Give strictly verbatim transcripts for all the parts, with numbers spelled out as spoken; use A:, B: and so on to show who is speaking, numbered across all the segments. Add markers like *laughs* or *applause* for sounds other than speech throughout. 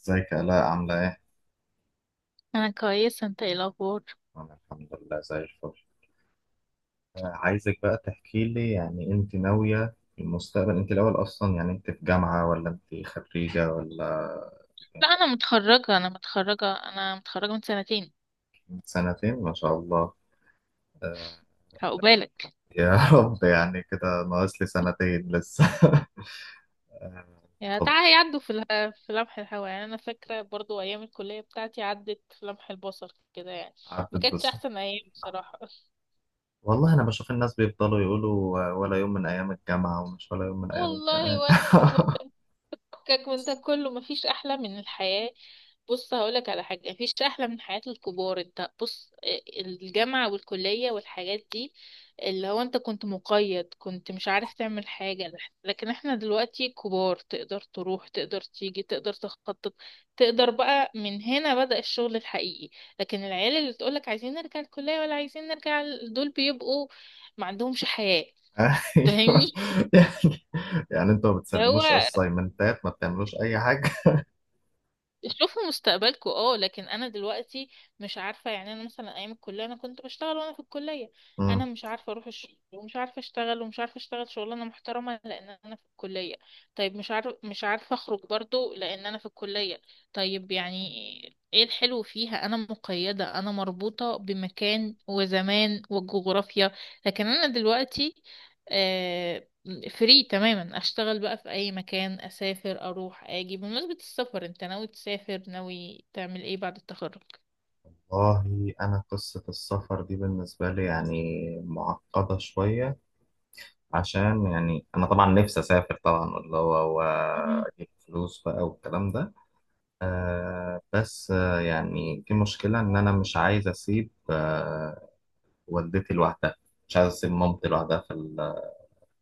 A: ازيك يا آلاء؟ عاملة ايه؟
B: انا كويسه. انت ايه الاخبار؟
A: أنا الحمد لله زي الفل. آه، عايزك بقى تحكي لي، يعني انت ناوية في المستقبل؟ انت الأول أصلا، يعني انت في جامعة ولا انت خريجة ولا؟
B: لا، انا متخرجه انا متخرجه انا متخرجه من سنتين.
A: من سنتين، ما شاء الله. آه،
B: هقبالك
A: يا *laughs* رب، يعني كده ناقص لي سنتين لسه. *laughs* آه،
B: يا
A: طب
B: تعالى يعدوا في اله- في لمح الهوا، يعني انا فاكره برضو ايام الكليه بتاعتي عدت في لمح البصر كده يعني.
A: عدت
B: ما كانتش
A: بس.
B: احسن ايام بصراحه. *laughs*
A: والله أنا بشوف الناس بيفضلوا يقولوا آه، ولا يوم من أيام الجامعة، ومش ولا يوم من أيام
B: والله
A: الجامعة.
B: ولا.
A: *laughs*
B: فكك من ده كله، مفيش احلى من الحياة. بص، هقولك على حاجة، مفيش احلى من حياة الكبار. انت بص، آه، الجامعة والكلية والحاجات دي، اللي هو انت كنت مقيد، كنت مش عارف تعمل حاجة. لكن احنا دلوقتي كبار، تقدر تروح، تقدر تيجي، تقدر تخطط، تقدر بقى من هنا بدأ الشغل الحقيقي. لكن العيال اللي تقولك عايزين نرجع الكلية ولا عايزين نرجع ال- دول بيبقوا ما عندهمش حياة.
A: أيوه.
B: فاهمني؟
A: يعني، يعني انتوا ما
B: اللي هو
A: بتسلموش أسايمنتات، ما بتعملوش أي حاجة؟
B: شوفوا مستقبلكم اه. لكن انا دلوقتي مش عارفه، يعني انا مثلا ايام الكليه انا كنت بشتغل وانا في الكليه. انا
A: *laughs*
B: مش عارفه اروح الشغل، ومش عارفه اشتغل، ومش عارفه اشتغل شغلانه محترمه، لان انا في الكليه. طيب مش عارف مش عارفه اخرج برضو لان انا في الكليه. طيب يعني ايه الحلو فيها؟ انا مقيده، انا مربوطه بمكان وزمان وجغرافيا. لكن انا دلوقتي آه، فري تماما. اشتغل بقى في اي مكان، اسافر، اروح اجي. بمناسبة السفر، انت ناوي تسافر، ناوي تعمل ايه بعد التخرج؟
A: والله أنا قصة السفر دي بالنسبة لي يعني معقدة شوية، عشان يعني أنا طبعا نفسي أسافر طبعا، اللي هو
B: مم.
A: وأجيب فلوس بقى والكلام ده. آه بس آه، يعني في مشكلة إن أنا مش عايز أسيب آه والدتي لوحدها، مش عايز أسيب مامتي لوحدها في ال-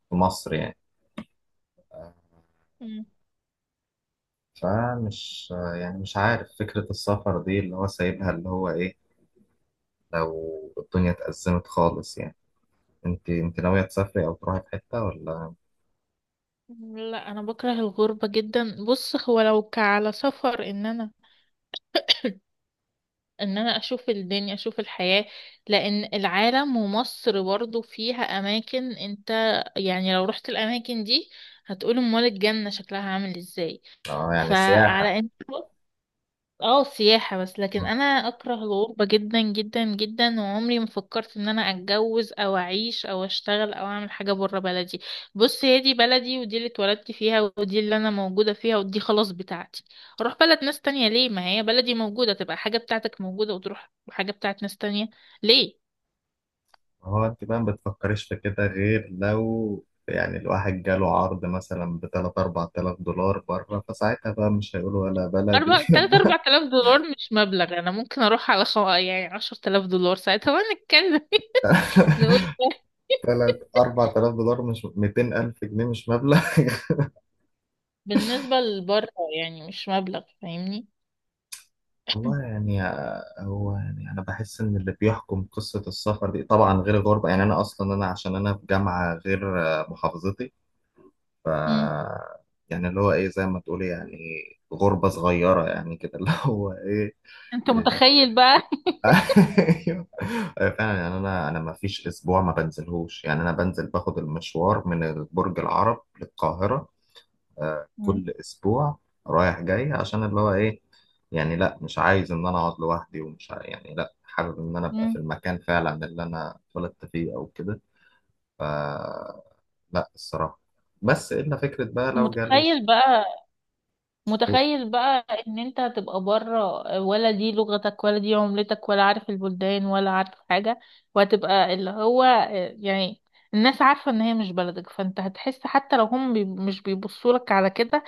A: في مصر يعني. آه،
B: مم.
A: فمش آه يعني مش عارف فكرة السفر دي اللي هو سايبها اللي هو إيه، لو الدنيا اتأزمت خالص يعني. أنت أنت ناوية تسافري أو تروحي في حتة ولا؟
B: لا انا بكره الغربة جدا. بص، هو لو كعلى سفر ان انا ان انا اشوف الدنيا، اشوف الحياة. لان العالم ومصر برضو فيها اماكن، انت يعني لو رحت الاماكن دي هتقول امال الجنة شكلها عامل ازاي.
A: اه يعني سياحة.
B: فعلى انت، اه سياحة بس. لكن
A: مم.
B: انا اكره الغربة جدا جدا جدا، وعمري ما فكرت ان انا اتجوز او اعيش او اشتغل او اعمل حاجة برا بلدي. بص، هي دي بلدي، ودي اللي اتولدت فيها، ودي اللي انا موجودة فيها، ودي خلاص بتاعتي. اروح بلد ناس تانية ليه؟ ما هي بلدي موجودة. تبقى حاجة بتاعتك موجودة وتروح حاجة بتاعت ناس تانية ليه؟
A: هو انت بقى ما بتفكريش في كده، غير لو يعني الواحد جاله عرض مثلا ب ثلاثة أربعة آلاف دولار بره، فساعتها بقى مش هيقولوا ولا بلدي.
B: أربع تلات أربع تلاف دولار مش مبلغ. أنا ممكن أروح على خو... يعني عشر تلاف دولار ساعتها ونتكلم. *laughs* نقول
A: *laughs*
B: ده
A: تلاتة أربعة آلاف دولار مش ميتين ألف جنيه، مش مبلغ. *laughs*
B: بالنسبة لبره، يعني مش مبلغ. فاهمني؟
A: والله يعني، هو يعني انا بحس ان اللي بيحكم قصة السفر دي طبعا غير الغربة، يعني انا اصلا انا عشان انا في جامعة غير محافظتي، ف
B: مم.
A: يعني اللي هو ايه، زي ما تقولي يعني غربة صغيرة يعني كده. *laughs* اللي هو ايه.
B: انت
A: *laughs*
B: متخيل بقى؟
A: ايوه. أيوة فعلا، يعني انا انا ما فيش اسبوع ما بنزلهوش، يعني انا بنزل باخد المشوار من برج العرب للقاهرة آه،
B: *laughs* مم.
A: كل اسبوع رايح جاي، عشان اللي هو ايه، يعني لا مش عايز ان انا اقعد لوحدي، ومش ع- يعني لا حابب ان انا ابقى في
B: مم.
A: المكان فعلا اللي انا اتولدت فيه او كده. ف لا الصراحة، بس الا فكرة بقى لو جالي.
B: متخيل بقى، متخيل بقى ان انت هتبقى بره، ولا دي لغتك، ولا دي عملتك، ولا عارف البلدان، ولا عارف حاجة. وهتبقى اللي هو، يعني الناس عارفة ان هي مش بلدك، فانت هتحس حتى لو هم بي مش بيبصولك على كده.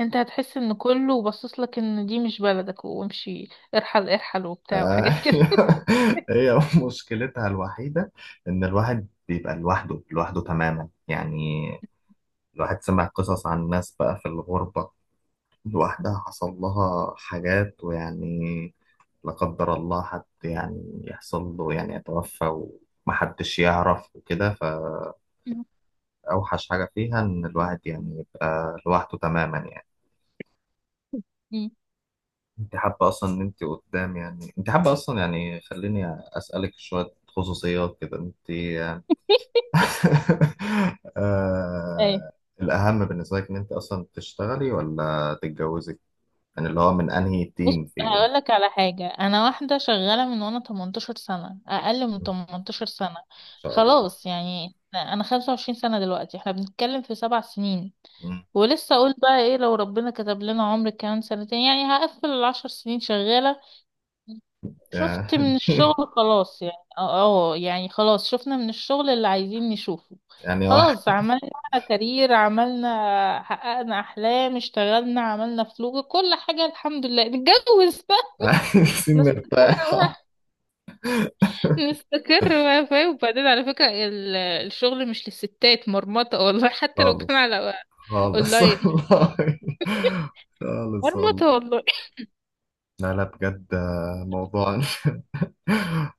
B: انت هتحس ان كله باصصلك ان دي مش بلدك وامشي، ارحل ارحل وبتاع
A: آه،
B: وحاجات كده.
A: *laughs* هي مشكلتها الوحيدة إن الواحد بيبقى لوحده، لوحده تماما يعني. الواحد سمع قصص عن ناس بقى في الغربة لوحدها، حصل لها حاجات ويعني لا قدر الله، حد يعني يحصل له يعني يتوفى ومحدش يعرف وكده.
B: *laughs*
A: فأوحش حاجة فيها إن الواحد يعني يبقى لوحده تماما يعني.
B: مم.
A: أنت حابة أصلا إن أنت قدام؟ يعني أنت حابة أصلا؟ يعني خليني أسألك شوية خصوصيات كده. أنت *laughs*
B: ايوه.
A: آه، الأهم بالنسبة لك إن أنت أصلا تشتغلي ولا تتجوزي؟ يعني اللي هو من أنهي
B: بص
A: تيم فيهم؟
B: هقول لك على حاجة، أنا واحدة شغالة من وأنا 18 سنة، أقل من
A: مم.
B: 18 سنة.
A: ما شاء الله.
B: خلاص يعني أنا 25 سنة دلوقتي، احنا بنتكلم في سبع سنين.
A: مم.
B: ولسه أقول بقى إيه لو ربنا كتب لنا عمر كمان سنتين يعني هقفل العشر سنين شغالة. شفت
A: يعني.
B: من
A: *laughs*
B: الشغل خلاص يعني اه. آه، يعني خلاص، شفنا من الشغل اللي عايزين نشوفه.
A: يعني
B: خلاص،
A: واحد.
B: عملنا كارير، عملنا، حققنا أحلام، اشتغلنا، عملنا فلوس، كل حاجة الحمد لله، نتجوز.
A: *laughs* عايزين
B: مستقر،
A: نرتاح.
B: مستقر بقى فاهم؟ وبعدين على فكرة ال- الشغل مش للستات، مرمطة والله. *laughs* حتى لو كان
A: خالص،
B: على
A: خالص. *laughs*
B: اونلاين،
A: والله، خالص والله.
B: مرمطة والله.
A: لا لا، بجد آه، موضوع. *laughs*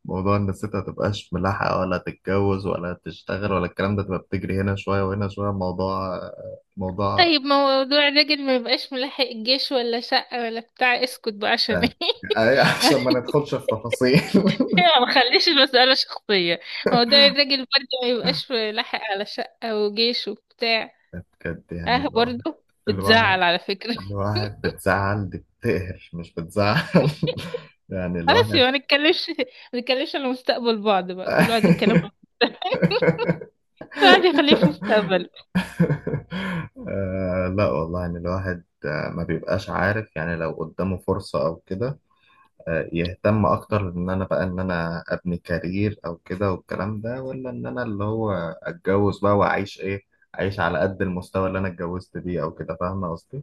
A: موضوع إن الست متبقاش ملاحقة ولا تتجوز ولا تشتغل ولا الكلام ده، تبقى بتجري هنا شوية وهنا شوية، موضوع آه، موضوع.
B: طيب موضوع الراجل ما يبقاش ملاحق الجيش ولا شقة ولا بتاع، اسكت بقى
A: ف-
B: عشان ايه؟
A: أي- *laughs* عشان ما
B: *laughs*
A: ندخلش في تفاصيل. *laughs*
B: ما خليش المسألة شخصية. موضوع الراجل برضه ما يبقاش ملاحق على شقة وجيش وبتاع.
A: بجد، يعني
B: اه
A: الواحد،
B: برضه
A: الواحد
B: بتزعل على فكرة. *laughs*
A: الواحد بتزعل، دي بتقهر مش بتزعل. *laughs* يعني
B: خلاص
A: الواحد.
B: يبقى ما نتكلمش، ما نتكلمش على مستقبل بعض بقى، كل واحد يتكلم،
A: *laughs*
B: كل واحد يخليه في مستقبله.
A: آه لا والله، يعني الواحد آه، ما بيبقاش عارف يعني، لو قدامه فرصة أو كده، آه، يهتم اكتر ان انا بقى، ان انا ابني كارير او كده والكلام ده، ولا ان انا اللي هو اتجوز بقى واعيش ايه، اعيش على قد المستوى اللي انا اتجوزت بيه او كده. فاهمه قصدي؟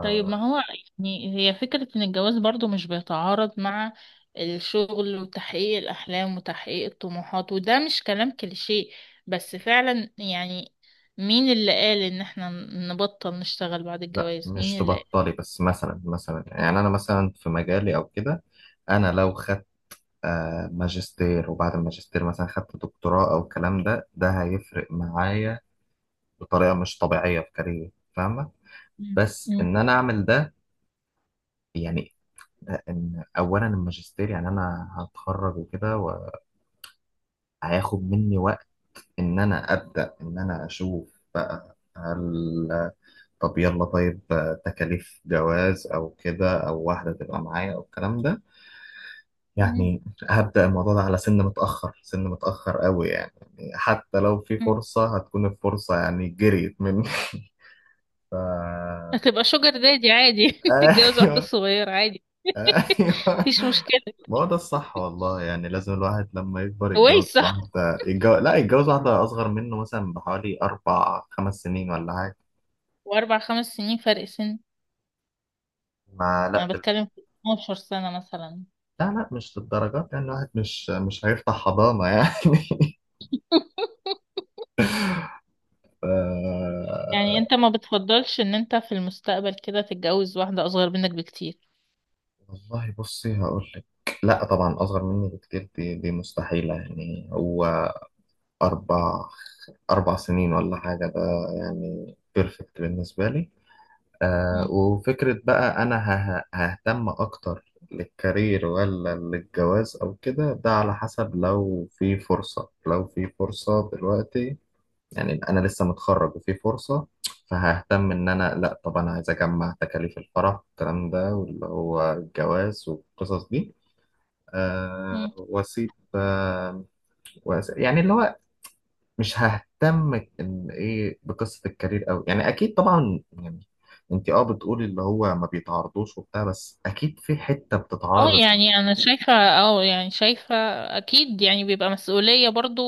B: طيب ما هو يعني هي فكرة ان الجواز برضو مش بيتعارض مع الشغل وتحقيق الاحلام وتحقيق الطموحات، وده مش كلام كليشيه بس فعلا. يعني مين اللي قال ان احنا نبطل نشتغل بعد
A: لا
B: الجواز؟
A: مش
B: مين اللي قال؟
A: تبطلي بس، مثلا مثلا يعني انا مثلا في مجالي او كده، انا لو خدت آه، ماجستير، وبعد الماجستير مثلا خدت دكتوراه او الكلام ده، ده هيفرق معايا بطريقه مش طبيعيه في كاريري. فاهمه؟
B: مم.
A: بس
B: مم.
A: ان انا اعمل ده، يعني ان اولا الماجستير يعني انا هتخرج وكده، وهياخد مني وقت ان انا ابدا ان انا اشوف بقى، هل، طب يلا طيب، تكاليف جواز او كده، او واحده تبقى معايا او الكلام ده،
B: مم.
A: يعني هبدا الموضوع ده على سن متاخر، سن متاخر قوي يعني، يعني حتى لو في
B: مم.
A: فرصه هتكون الفرصه يعني جريت مني. *laughs* ف
B: هتبقى شوجر دادي عادي. *laughs* تتجوز واحدة
A: ايوه،
B: صغيرة عادي. *laughs*
A: ايوه.
B: مفيش مشكلة.
A: ما هو ده الصح والله، يعني لازم الواحد لما يكبر
B: كويس
A: يتجوز
B: صح.
A: واحدة، يتجوز لا، يتجوز واحدة أصغر منه مثلا بحوالي أربع خمس سنين ولا حاجة.
B: واربع خمس سنين فرق سن،
A: ما
B: انا
A: لا دل...
B: بتكلم في 12 سنة مثلا.
A: لا لا، مش للدرجات، يعني الواحد مش مش هيفتح حضانة يعني. *laughs* ف...
B: يعني انت ما بتفضلش ان انت في المستقبل كده تتجوز واحدة اصغر منك بكتير؟
A: والله بصي هقول لك، لا طبعا أصغر مني بكتير، دي دي مستحيلة يعني. هو أربع، أربع سنين ولا حاجة ده، يعني بيرفكت بالنسبة لي. آه،
B: مم.
A: وفكرة بقى أنا هه- ههتم أكتر للكارير ولا للجواز أو كده، ده على حسب، لو في فرصة، لو في فرصة دلوقتي، يعني أنا لسه متخرج وفي فرصة، فههتم إن أنا لأ طبعا، عايز أجمع تكاليف الفرح والكلام ده، واللي هو الجواز والقصص دي، آه
B: مم.
A: وأسيب آه وأس- يعني اللي هو، مش ههتم ان ايه بقصه الكارير قوي، يعني اكيد طبعا يعني انت اه بتقولي اللي هو ما بيتعرضوش وبتاع، بس اكيد في حته
B: اه
A: بتتعرض.
B: يعني انا شايفة، اه يعني شايفة اكيد يعني بيبقى مسؤولية برضو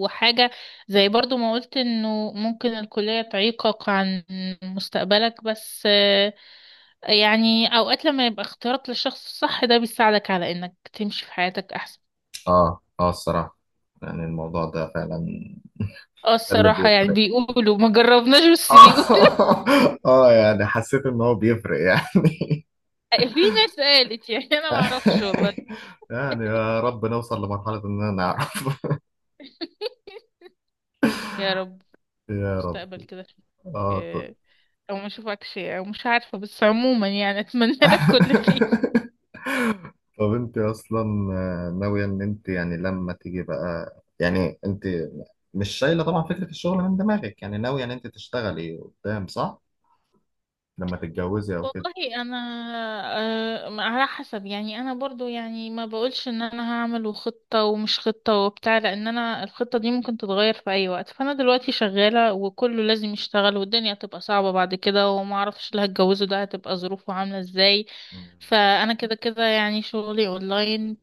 B: وحاجة. زي برضو ما قلت انه ممكن الكلية تعيقك عن مستقبلك، بس آه، يعني اوقات لما يبقى اختيارك للشخص الصح ده بيساعدك على انك تمشي في حياتك احسن.
A: اه اه، الصراحه يعني الموضوع ده فعلا
B: اه
A: ده اللي
B: الصراحة يعني
A: بيفرق.
B: بيقولوا ما جربناش
A: *laughs*
B: بس بيقولوا.
A: اه، اه يعني حسيت ان هو بيفرق يعني.
B: *laughs* في ناس قالت، يعني انا معرفش والله.
A: *laughs* يعني يا رب نوصل لمرحله اننا نعرف.
B: يا رب
A: *laughs* يا رب.
B: المستقبل كده أشوفك،
A: اه طيب.
B: آه، او ما اشوفكش او مش عارفه، بس عموما يعني اتمنى لك كل خير.
A: *laughs* طب انت اصلا آه، ناوية ان انت يعني لما تيجي بقى، يعني انت مش شايلة طبعا فكرة الشغل من دماغك، يعني ناوية ان انت تشتغلي قدام، صح؟ لما تتجوزي او كده.
B: والله انا آه، على حسب. يعني انا برضو يعني ما بقولش ان انا هعمل خطة ومش خطة وبتاع، لان انا الخطة دي ممكن تتغير في اي وقت. فانا دلوقتي شغالة وكله لازم يشتغل والدنيا هتبقى صعبة بعد كده، وما اعرفش اللي هتجوزه ده هتبقى ظروفه عاملة ازاي.
A: *laughs* مم.
B: فانا كده كده يعني شغلي اونلاين،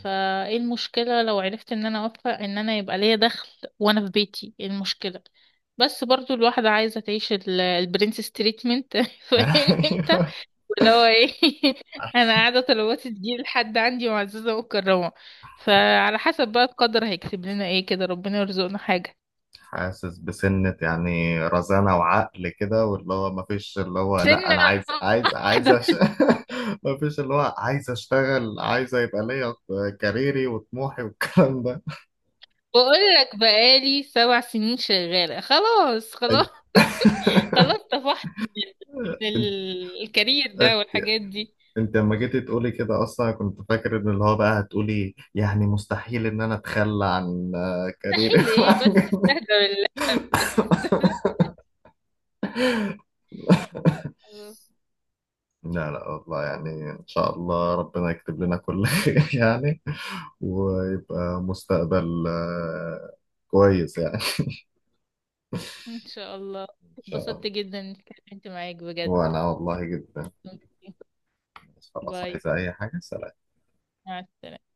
B: فايه المشكلة لو عرفت ان انا اوفق ان انا يبقى ليا دخل وانا في بيتي؟ إيه المشكلة؟ بس برضو الواحدة عايزة تعيش ال- البرنسس تريتمنت. *laughs* فاهم انت
A: ايوه.
B: اللي هو ايه؟ *laughs* انا قاعده طلباتي تجي لحد عندي معززه مكرمه. فعلى حسب بقى القدر هيكتب لنا ايه، كده ربنا يرزقنا حاجه.
A: حاسس بسنة يعني رزانة وعقل كده، واللي هو مفيش اللي هو لا
B: سنه
A: انا عايز، عايز عايز
B: واحده.
A: أش... *laughs* مفيش اللي هو عايز اشتغل، عايز يبقى ليا كاريري وطموحي والكلام ده.
B: *laughs* بقول لك بقالي سبع سنين شغاله، خلاص خلاص. *laughs* خلاص
A: *laughs*
B: طفحت من
A: انت
B: ال- الكارير
A: انت
B: ده والحاجات دي.
A: انت لما جيتي تقولي كده، اصلا كنت فاكر ان اللي هو بقى هتقولي يعني مستحيل ان انا اتخلى عن آه، كاريري.
B: مستحيل ايه بس
A: *laughs*
B: استهدى بالله، بس استهدى. خلاص.
A: لا لا والله، يعني ان شاء الله ربنا يكتب لنا كل *laughs* خير يعني، ويبقى مستقبل آه، كويس يعني.
B: ان شاء الله.
A: ان شاء الله.
B: اتبسطت جدا اني اتكلمت معاك بجد.
A: وانا والله جدا. خلاص،
B: باي.
A: عايزة اي حاجة؟ سلام.
B: مع السلامه.